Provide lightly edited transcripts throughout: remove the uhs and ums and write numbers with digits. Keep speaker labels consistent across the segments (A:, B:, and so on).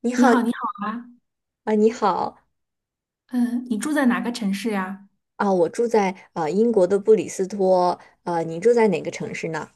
A: 你
B: 你
A: 好
B: 好，你好啊，
A: 啊，你好
B: 嗯，你住在哪个城市呀？
A: 啊，我住在英国的布里斯托。啊，你住在哪个城市呢？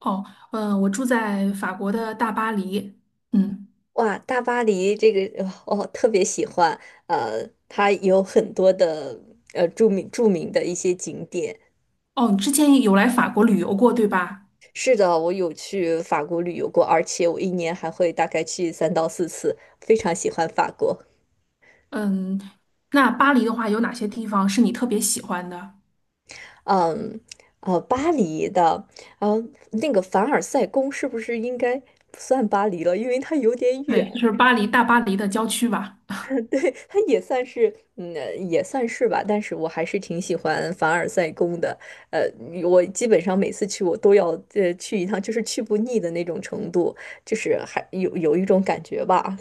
B: 哦，嗯，我住在法国的大巴黎。嗯，
A: 哇，大巴黎这个我特别喜欢，它有很多的著名的一些景点。
B: 哦，你之前有来法国旅游过，对吧？
A: 是的，我有去法国旅游过，而且我一年还会大概去3到4次，非常喜欢法国。
B: 嗯，那巴黎的话，有哪些地方是你特别喜欢的？
A: 嗯，呃，巴黎的，呃，那个凡尔赛宫是不是应该不算巴黎了？因为它有点远。
B: 对，就是巴黎，大巴黎的郊区吧。
A: 对，它也算是，也算是吧，但是我还是挺喜欢凡尔赛宫的。呃，我基本上每次去，我都要去一趟，就是去不腻的那种程度，就是还有一种感觉吧。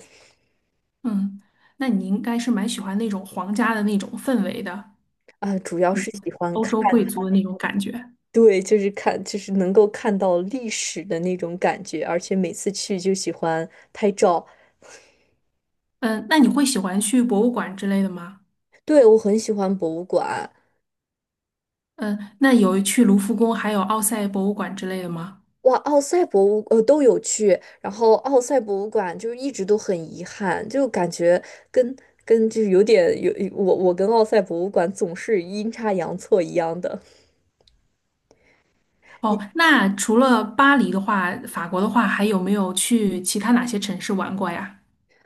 B: 嗯，那你应该是蛮喜欢那种皇家的那种氛围的，
A: 啊、主要
B: 你
A: 是喜欢
B: 欧
A: 看。
B: 洲贵族的那种感觉。
A: 对，就是看，就是能够看到历史的那种感觉，而且每次去就喜欢拍照。
B: 嗯，那你会喜欢去博物馆之类的吗？
A: 对，我很喜欢博物馆。
B: 嗯，那有去卢浮宫，还有奥赛博物馆之类的吗？
A: 哇，奥赛博物都有去，然后奥赛博物馆就是一直都很遗憾，就感觉跟跟就是有点有我跟奥赛博物馆总是阴差阳错一样的。
B: 哦，
A: 你
B: 那除了巴黎的话，法国的话，还有没有去其他哪些城市玩过呀？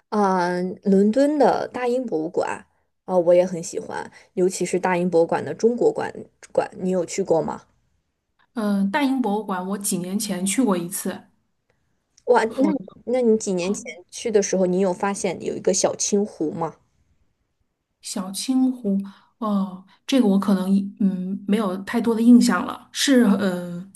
A: 啊、伦敦的大英博物馆啊、我也很喜欢，尤其是大英博物馆的中国馆，你有去过吗？
B: 嗯、大英博物馆我几年前去过一次，
A: 哇，那
B: 哦，
A: 那你几年前去的时候，你有发现有一个小青湖吗？
B: 小青湖，哦，这个我可能没有太多的印象了，是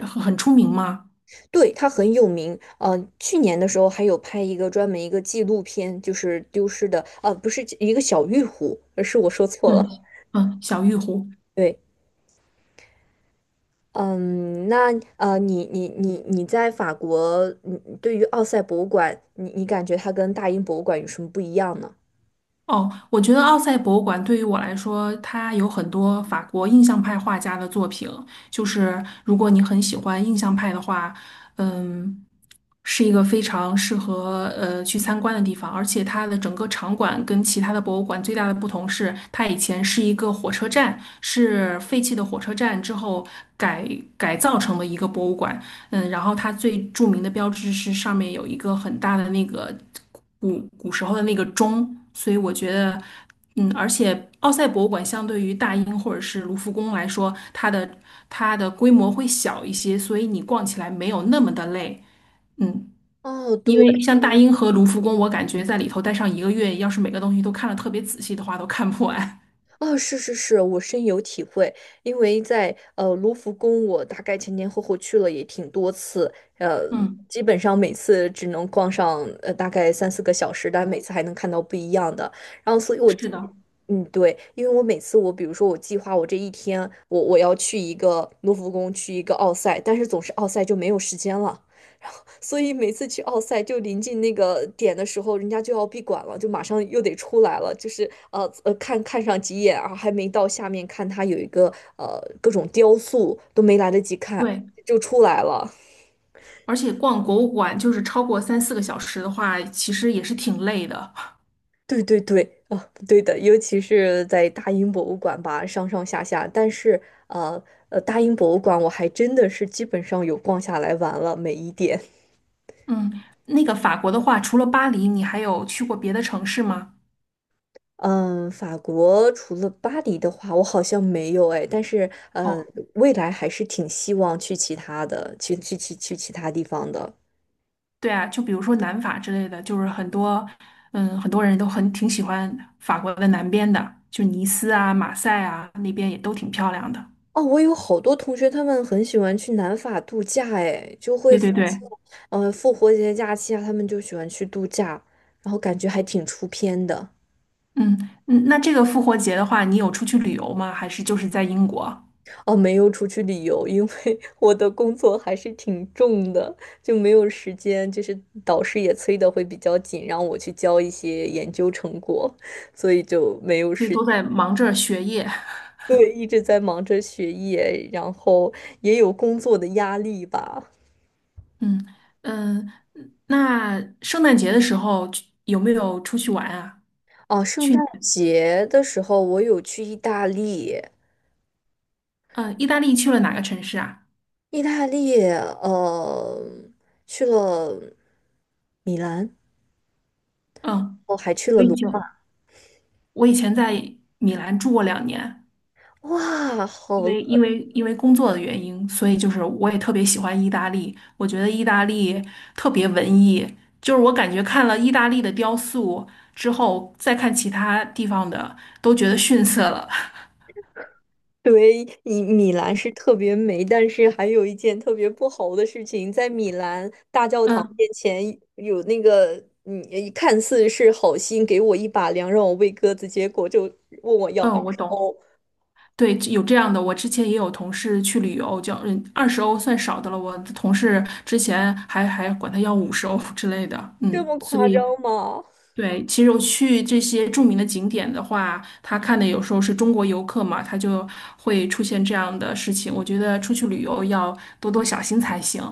B: 很出名吗？
A: 对，他很有名。去年的时候还有拍一个专门一个纪录片，就是丢失的，不是一个小玉壶，而是我说错
B: 嗯
A: 了。
B: 嗯，小玉湖。
A: 对。嗯，那你在法国，你对于奥赛博物馆，你感觉它跟大英博物馆有什么不一样呢？
B: 哦，我觉得奥赛博物馆对于我来说，它有很多法国印象派画家的作品。就是如果你很喜欢印象派的话，嗯，是一个非常适合去参观的地方。而且它的整个场馆跟其他的博物馆最大的不同是，它以前是一个火车站，是废弃的火车站之后改改造成的一个博物馆。嗯，然后它最著名的标志是上面有一个很大的那个。古时候的那个钟，所以我觉得，嗯，而且奥赛博物馆相对于大英或者是卢浮宫来说，它的规模会小一些，所以你逛起来没有那么的累，嗯，
A: 哦，对。
B: 因为像大英和卢浮宫，我感觉在里头待上一个月，要是每个东西都看得特别仔细的话，都看不完。
A: 哦，是是是，我深有体会，因为在卢浮宫，我大概前前后后去了也挺多次。呃，
B: 嗯，
A: 基本上每次只能逛上大概三四个小时，但每次还能看到不一样的。然后，所以我，
B: 是的，
A: 对，因为我每次我比如说我计划我这一天，我要去一个卢浮宫，去一个奥赛，但是总是奥赛就没有时间了。所以每次去奥赛就临近那个点的时候，人家就要闭馆了，就马上又得出来了，就是看看上几眼啊，还没到下面看，它有一个各种雕塑都没来得及看
B: 对，
A: 就出来了。
B: 而且逛博物馆就是超过三四个小时的话，其实也是挺累的。
A: 对对对，啊，对的，尤其是在大英博物馆吧，上上下下，但是呃大英博物馆我还真的是基本上有逛下来玩了每一点。
B: 嗯，那个法国的话，除了巴黎，你还有去过别的城市吗？
A: 嗯，法国除了巴黎的话，我好像没有哎，但是
B: 哦
A: 未来还是挺希望去其他的，去其他地方的。
B: 对啊，就比如说南法之类的，就是很多，嗯，很多人都很挺喜欢法国的南边的，就尼斯啊、马赛啊那边也都挺漂亮的。
A: 哦，我有好多同学，他们很喜欢去南法度假，哎，就会
B: 对
A: 发
B: 对
A: 现，
B: 对，
A: 复活节假期啊，他们就喜欢去度假，然后感觉还挺出片的。
B: 嗯嗯，那这个复活节的话，你有出去旅游吗？还是就是在英国？
A: 哦，没有出去旅游，因为 我的工作还是挺重的，就没有时间。就是导师也催的会比较紧，让我去交一些研究成果，所以就没有
B: 所以
A: 时间。
B: 都在忙着学业。
A: 对，一直在忙着学业，然后也有工作的压力吧。
B: 嗯嗯，那圣诞节的时候去有没有出去玩啊？
A: 哦，圣诞节的时候我有去意大利。
B: 嗯，意大利去了哪个城市啊？
A: 意大利，去了米兰。
B: 嗯，
A: 哦，还去了
B: 我以
A: 卢。
B: 前我以前在米兰住过2年。
A: 哇，
B: 因
A: 好。
B: 为因为因为工作的原因，所以就是我也特别喜欢意大利。我觉得意大利特别文艺，就是我感觉看了意大利的雕塑之后，再看其他地方的，都觉得逊色了。
A: 对，米兰是特别美，但是还有一件特别不好的事情，在米兰大教 堂
B: 嗯
A: 面前有那个，嗯，看似是好心给我一把粮让我喂鸽子，结果就问我要
B: 嗯，
A: 二
B: 我
A: 十
B: 懂。
A: 欧，
B: 对，有这样的。我之前也有同事去旅游，叫20欧算少的了。我的同事之前还管他要50欧之类的。
A: 这
B: 嗯，
A: 么
B: 所
A: 夸
B: 以
A: 张吗？
B: 对，其实我去这些著名的景点的话，他看的有时候是中国游客嘛，他就会出现这样的事情。我觉得出去旅游要多多小心才行。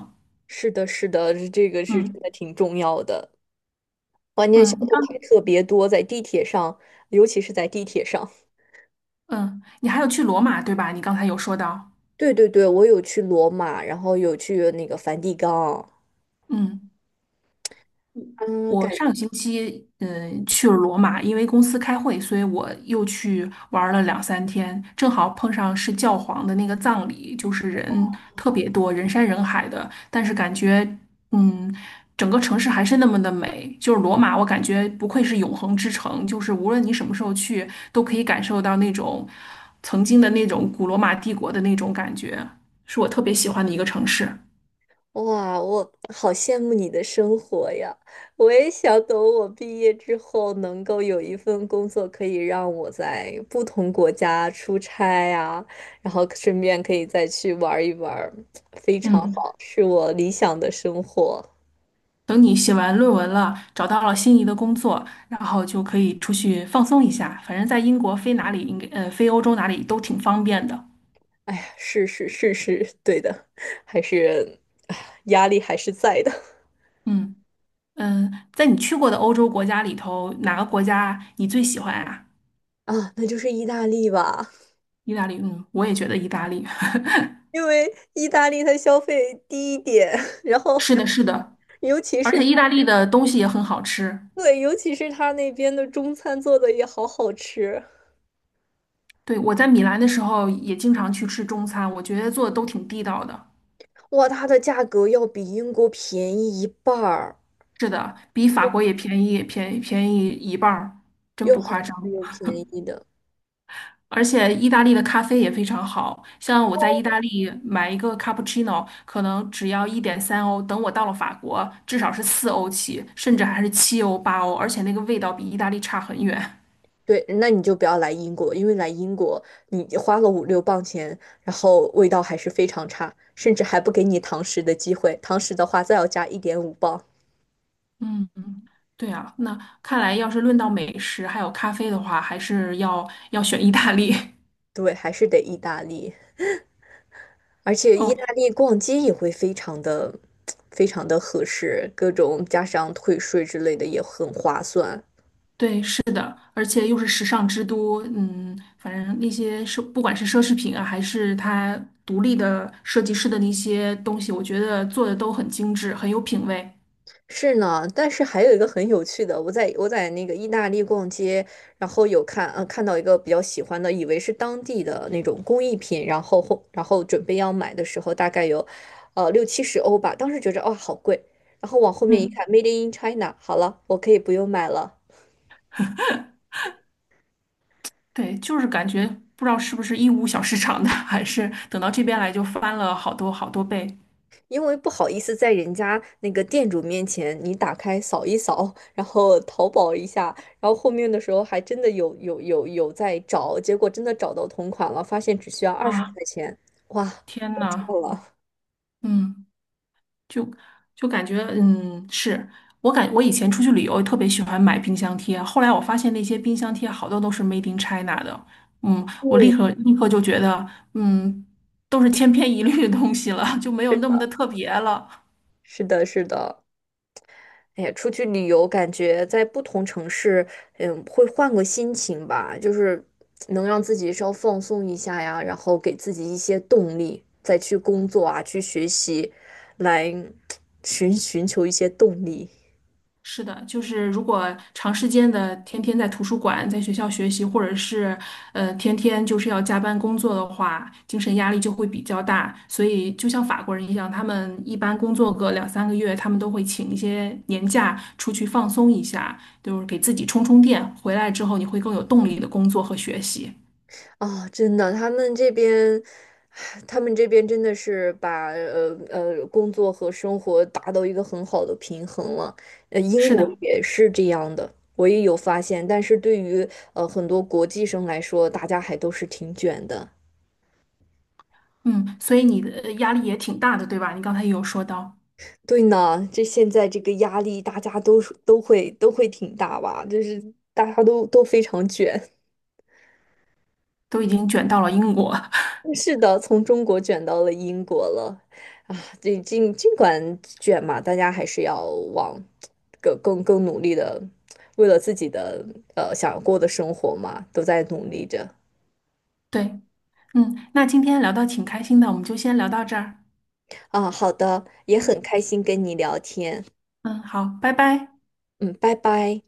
A: 是的，是的，这个是真
B: 嗯
A: 的挺重要的。关键小
B: 嗯，你
A: 偷
B: 刚
A: 还特别多，在地铁上，尤其是在地铁上。
B: 嗯，你还有去罗马对吧？你刚才有说到，
A: 对对对，我有去罗马，然后有去那个梵蒂冈。
B: 嗯。
A: 嗯，
B: 我上个星期去了罗马，因为公司开会，所以我又去玩了两三天，正好碰上是教皇的那个葬礼，就是人特别多，人山人海的，但是感觉嗯，整个城市还是那么的美，就是罗马，我感觉不愧是永恒之城，就是无论你什么时候去，都可以感受到那种曾经的那种古罗马帝国的那种感觉，是我特别喜欢的一个城市。
A: 哇，我好羡慕你的生活呀！我也想等我毕业之后，能够有一份工作，可以让我在不同国家出差呀，然后顺便可以再去玩儿一玩儿。非常
B: 嗯。
A: 好，是我理想的生活。
B: 等你写完论文了，找到了心仪的工作，然后就可以出去放松一下。反正在英国飞哪里应该，飞欧洲哪里都挺方便的。
A: 哎呀，是是是是，对的。还是，哎呀压力还是在的。
B: 嗯嗯，在你去过的欧洲国家里头，哪个国家你最喜欢啊？
A: 啊，那就是意大利吧。
B: 意大利，嗯，我也觉得意大利。
A: 因为意大利它消费低一点，然后
B: 是的，是的，
A: 尤其
B: 而
A: 是。
B: 且意大利的东西也很好吃。
A: 对，尤其是他那边的中餐做的也好好吃。
B: 对，我在米兰的时候也经常去吃中餐，我觉得做的都挺地道的。
A: 哇，它的价格要比英国便宜一半儿，
B: 是的，比法国也便宜，便宜一半儿，真
A: 又
B: 不
A: 好
B: 夸
A: 吃
B: 张。
A: 又便宜的。
B: 而且意大利的咖啡也非常好，像我在意大利买一个 cappuccino，可能只要1.3欧，等我到了法国，至少是4欧起，甚至还是7欧、8欧，而且那个味道比意大利差很远。
A: 对，那你就不要来英国，因为来英国你花了五六磅钱，然后味道还是非常差，甚至还不给你堂食的机会。堂食的话，再要加1.5磅。
B: 嗯，对啊，那看来要是论到美食还有咖啡的话，还是要选意大利。
A: 对，还是得意大利，而且意
B: 嗯，
A: 大利逛街也会非常的合适，各种加上退税之类的也很划算。
B: 对，是的，而且又是时尚之都，嗯，反正那些奢，不管是奢侈品啊，还是它独立的设计师的那些东西，我觉得做的都很精致，很有品味。
A: 是呢，但是还有一个很有趣的，我在那个意大利逛街，然后有看到一个比较喜欢的，以为是当地的那种工艺品，然后后然后准备要买的时候，大概有六七十欧吧，当时觉着哦好贵，然后往后面一看
B: 嗯，
A: ，Made in China，好了，我可以不用买了。
B: 对，就是感觉不知道是不是义乌小市场的，还是等到这边来就翻了好多好多倍
A: 因为不好意思在人家那个店主面前，你打开扫一扫，然后淘宝一下，然后后面的时候还真的有在找，结果真的找到同款了，发现只需要二十
B: 啊！
A: 块钱，哇，
B: 天呐，
A: 够了。
B: 嗯。就就感觉，嗯，我以前出去旅游特别喜欢买冰箱贴，后来我发现那些冰箱贴好多都是 Made in China 的，嗯，我立
A: 对，
B: 刻立刻就觉得，嗯，都是千篇一律的东西了，就没有
A: 是
B: 那么
A: 的，
B: 的特别了。
A: 是的，是的。哎，呀，出去旅游，感觉在不同城市，嗯，会换个心情吧，就是能让自己稍放松一下呀，然后给自己一些动力，再去工作啊，去学习，来 寻求一些动力。
B: 是的，就是如果长时间的天天在图书馆、在学校学习，或者是天天就是要加班工作的话，精神压力就会比较大。所以就像法国人一样，他们一般工作个两三个月，他们都会请一些年假出去放松一下，就是给自己充充电。回来之后，你会更有动力的工作和学习。
A: 啊，真的，他们这边，真的是把工作和生活达到一个很好的平衡了。英
B: 是
A: 国
B: 的，
A: 也是这样的，我也有发现。但是对于很多国际生来说，大家还都是挺卷的。
B: 嗯，所以你的压力也挺大的，对吧？你刚才也有说到，
A: 对呢，现在这个压力，大家都会挺大吧，就是大家都非常卷。
B: 都已经卷到了英国。
A: 是的，从中国卷到了英国了。啊，这尽管卷嘛，大家还是要往更努力的，为了自己的想过的生活嘛，都在努力着。
B: 对，嗯，那今天聊到挺开心的，我们就先聊到这儿。
A: 啊。好的，也很
B: 嗯，
A: 开心跟你聊天。
B: 嗯好，拜拜。
A: 嗯，拜拜。